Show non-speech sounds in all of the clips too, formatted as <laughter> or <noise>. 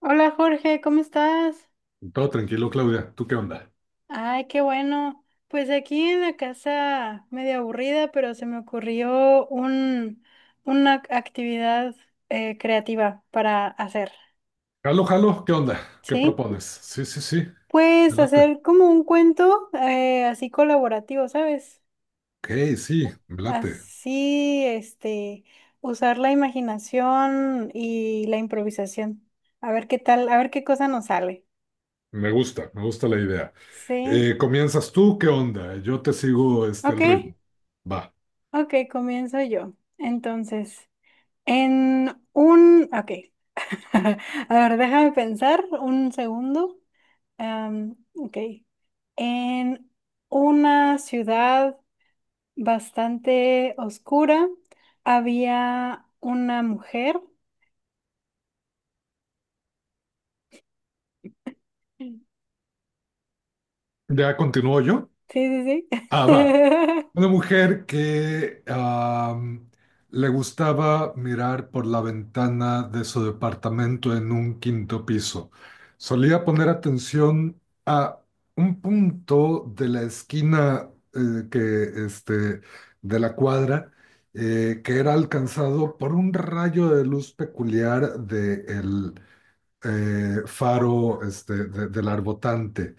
Hola, Jorge, ¿cómo estás? Todo tranquilo, Claudia. ¿Tú qué onda? Ay, qué bueno. Pues aquí en la casa medio aburrida, pero se me ocurrió un, una actividad creativa para hacer, Jalo, jalo, ¿qué onda? ¿Qué propones? ¿sí? Sí, sí, sí, me Pues late. hacer como un cuento así colaborativo, ¿sabes? Ok, sí, me late. Así, este, usar la imaginación y la improvisación. A ver qué tal, a ver qué cosa nos sale. Me gusta la idea. Sí, ¿Comienzas tú? ¿Qué onda? Yo te sigo ok, el ritmo. Va. ok, comienzo yo. Entonces. Ok. <laughs> A ver, déjame pensar un segundo. Ok. En una ciudad bastante oscura había una mujer. Sí, ¿Ya continúo yo? sí, sí. Ah, va. <laughs> Una mujer que le gustaba mirar por la ventana de su departamento en un quinto piso. Solía poner atención a un punto de la esquina de la cuadra, que era alcanzado por un rayo de luz peculiar del faro, del arbotante.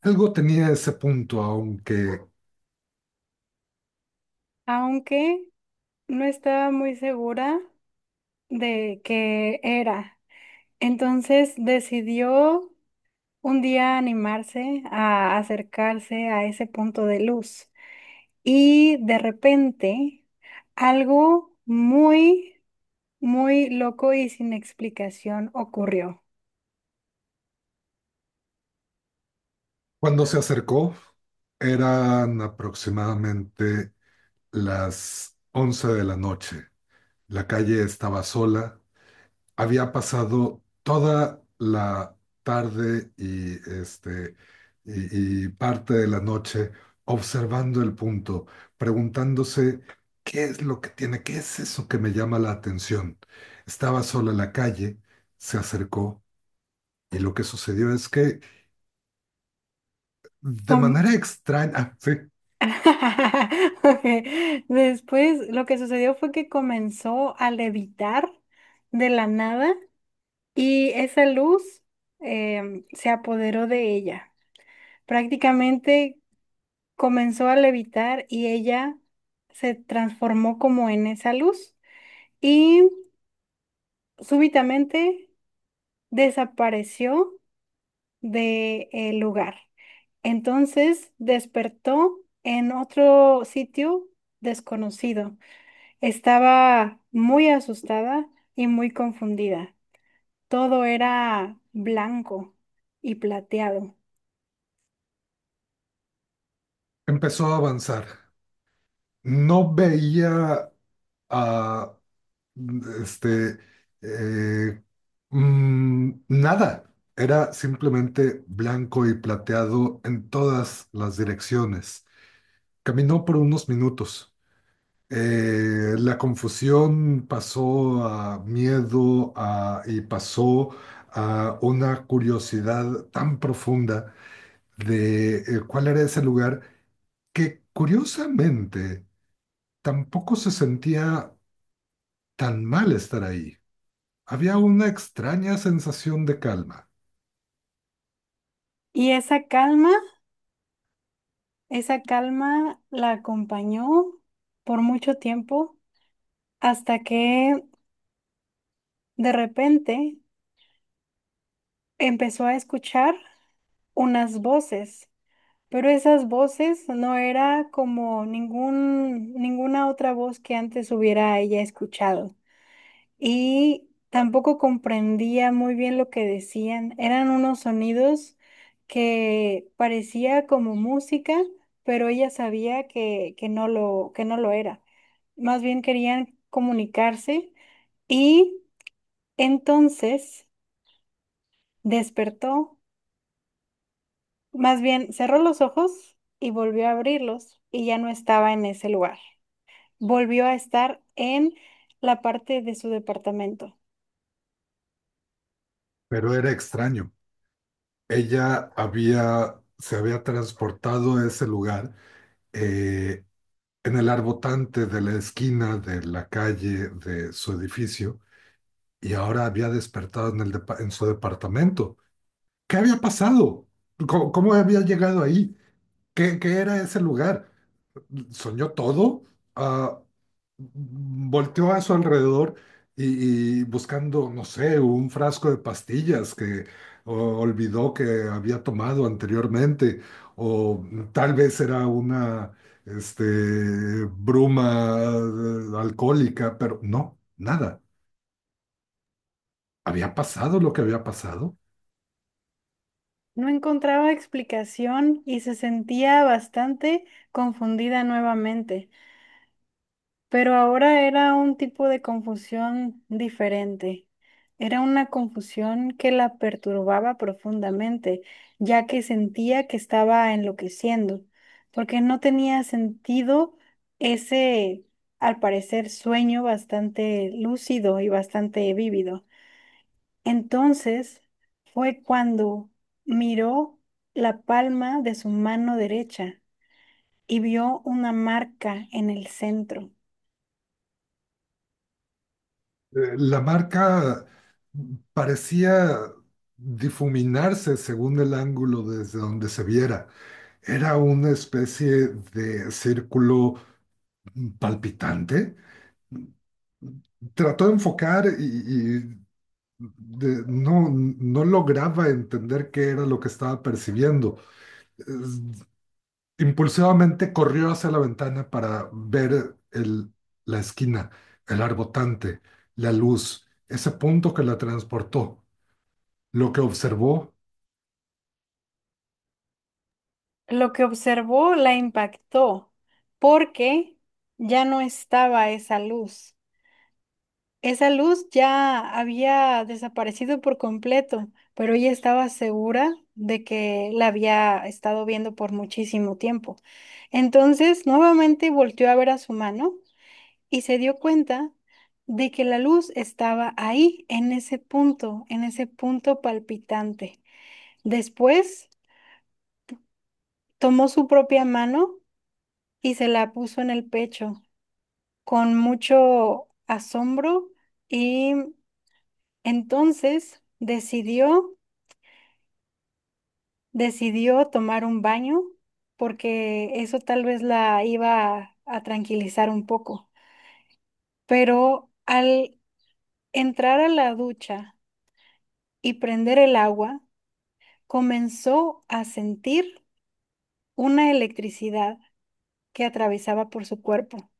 Algo tenía ese punto, aunque... Aunque no estaba muy segura de qué era. Entonces decidió un día animarse a acercarse a ese punto de luz. Y de repente, algo muy, muy loco y sin explicación ocurrió. Cuando se acercó, eran aproximadamente las 11 de la noche. La calle estaba sola. Había pasado toda la tarde y parte de la noche observando el punto, preguntándose qué es lo que tiene, qué es eso que me llama la atención. Estaba sola en la calle, se acercó y lo que sucedió es que de Com- manera extraña... <laughs> Sí. <laughs> Ok, después, lo que sucedió fue que comenzó a levitar de la nada y esa luz se apoderó de ella. Prácticamente comenzó a levitar y ella se transformó como en esa luz y súbitamente desapareció de el lugar. Entonces despertó en otro sitio desconocido. Estaba muy asustada y muy confundida. Todo era blanco y plateado. Empezó a avanzar. No veía a este eh, nada. Era simplemente blanco y plateado en todas las direcciones. Caminó por unos minutos. La confusión pasó a miedo y pasó a una curiosidad tan profunda de cuál era ese lugar, que curiosamente tampoco se sentía tan mal estar ahí. Había una extraña sensación de calma, Y esa calma la acompañó por mucho tiempo hasta que de repente empezó a escuchar unas voces. Pero esas voces no era como ninguna otra voz que antes hubiera ella escuchado. Y tampoco comprendía muy bien lo que decían. Eran unos sonidos que parecía como música, pero ella sabía que que no lo era. Más bien querían comunicarse. Y entonces despertó, más bien cerró los ojos y volvió a abrirlos y ya no estaba en ese lugar. Volvió a estar en la parte de su departamento. pero era extraño. Ella se había transportado a ese lugar, eh, en el arbotante de la esquina de la calle de su edificio, y ahora había despertado en en su departamento. ¿Qué había pasado? Cómo había llegado ahí? Qué era ese lugar? ¿Soñó todo? Ah, volteó a su alrededor, y buscando, no sé, un frasco de pastillas que o- olvidó que había tomado anteriormente, o tal vez era una este, bruma alcohólica, pero no, nada. Había pasado lo que había pasado. No encontraba explicación y se sentía bastante confundida nuevamente, pero ahora era un tipo de confusión diferente. Era una confusión que la perturbaba profundamente, ya que sentía que estaba enloqueciendo, porque no tenía sentido ese, al parecer, sueño bastante lúcido y bastante vívido. Entonces fue cuando miró la palma de su mano derecha y vio una marca en el centro. La marca parecía difuminarse según el ángulo desde donde se viera. Era una especie de círculo palpitante. Trató de enfocar y no, no lograba entender qué era lo que estaba percibiendo. Es- Impulsivamente corrió hacia la ventana para ver la esquina, el arbotante, la luz, ese punto que la transportó. Lo que observó, Lo que observó la impactó porque ya no estaba esa luz. Esa luz ya había desaparecido por completo, pero ella estaba segura de que la había estado viendo por muchísimo tiempo. Entonces, nuevamente volteó a ver a su mano y se dio cuenta de que la luz estaba ahí, en ese punto palpitante. Después tomó su propia mano y se la puso en el pecho con mucho asombro y entonces decidió tomar un baño porque eso tal vez la iba a tranquilizar un poco. Pero al entrar a la ducha y prender el agua, comenzó a sentir una electricidad que atravesaba por su cuerpo.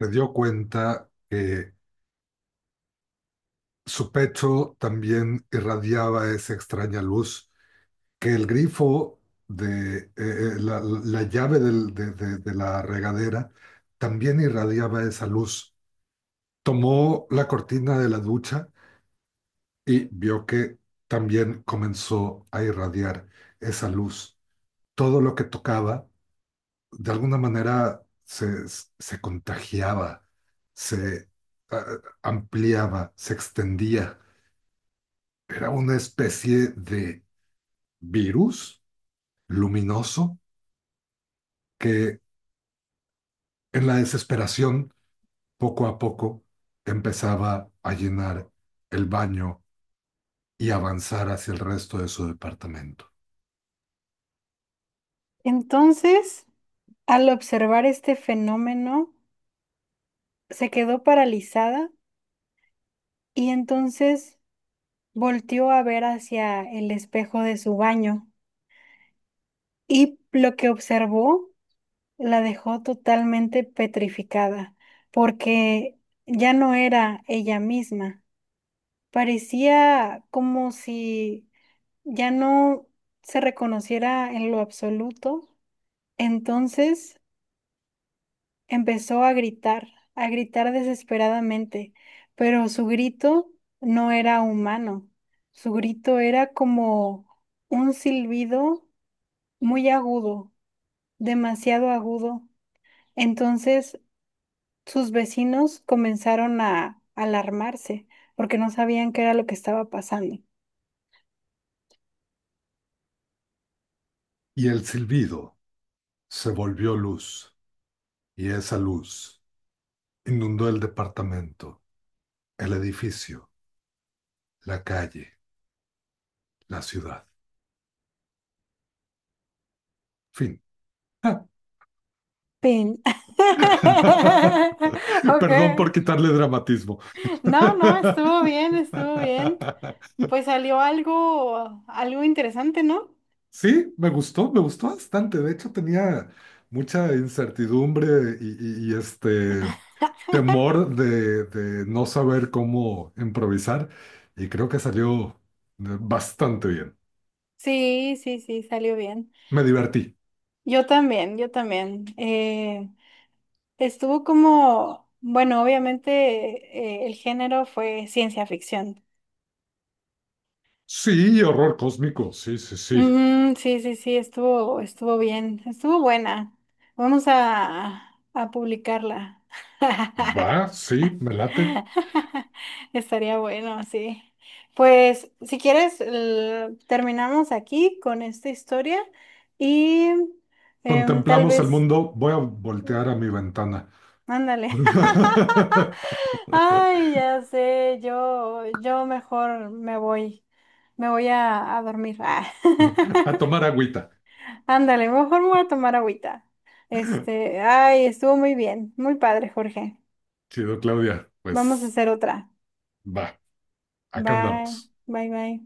se dio cuenta que su pecho también irradiaba esa extraña luz, que el grifo de la llave de la regadera también irradiaba esa luz. Tomó la cortina de la ducha y vio que también comenzó a irradiar esa luz. Todo lo que tocaba, de alguna manera, se contagiaba, se ah, ampliaba, se extendía. Era una especie de virus luminoso que... En la desesperación, poco a poco, empezaba a llenar el baño y avanzar hacia el resto de su departamento. Entonces, al observar este fenómeno, se quedó paralizada y entonces volteó a ver hacia el espejo de su baño y lo que observó la dejó totalmente petrificada porque ya no era ella misma. Parecía como si ya no se reconociera en lo absoluto. Entonces empezó a gritar desesperadamente, pero su grito no era humano, su grito era como un silbido muy agudo, demasiado agudo. Entonces sus vecinos comenzaron a alarmarse porque no sabían qué era lo que estaba pasando. Y el silbido se volvió luz, y esa luz inundó el departamento, el edificio, la calle, la ciudad. Fin. Pin. <laughs> <laughs> Ok. Perdón por quitarle dramatismo. No, no, estuvo bien, estuvo bien. <laughs> Pues salió algo, algo interesante, ¿no? Sí, me gustó bastante. De hecho, tenía mucha incertidumbre y temor de no saber cómo improvisar, y creo que salió bastante bien. Sí, sí, sí, salió bien. Me divertí. Yo también, yo también. Estuvo como, bueno, obviamente el género fue ciencia ficción. Sí, horror cósmico, sí, sí, sí. Mm, sí, sí, sí, estuvo, estuvo bien, estuvo buena. Vamos a publicarla. <laughs> Va, sí, me late. <laughs> Estaría bueno, sí. Pues si quieres, terminamos aquí con esta historia y tal Contemplamos el vez, mundo, voy a voltear a mi ventana. ándale. <laughs> <laughs> Ay, ya sé, yo mejor me voy a dormir. Ah. A tomar <laughs> agüita. Ándale, mejor me voy a tomar agüita. Este, ay, estuvo muy bien, muy padre, Jorge. Chido, Claudia. Vamos a Pues hacer otra. va, acá andamos. Bye, bye, bye.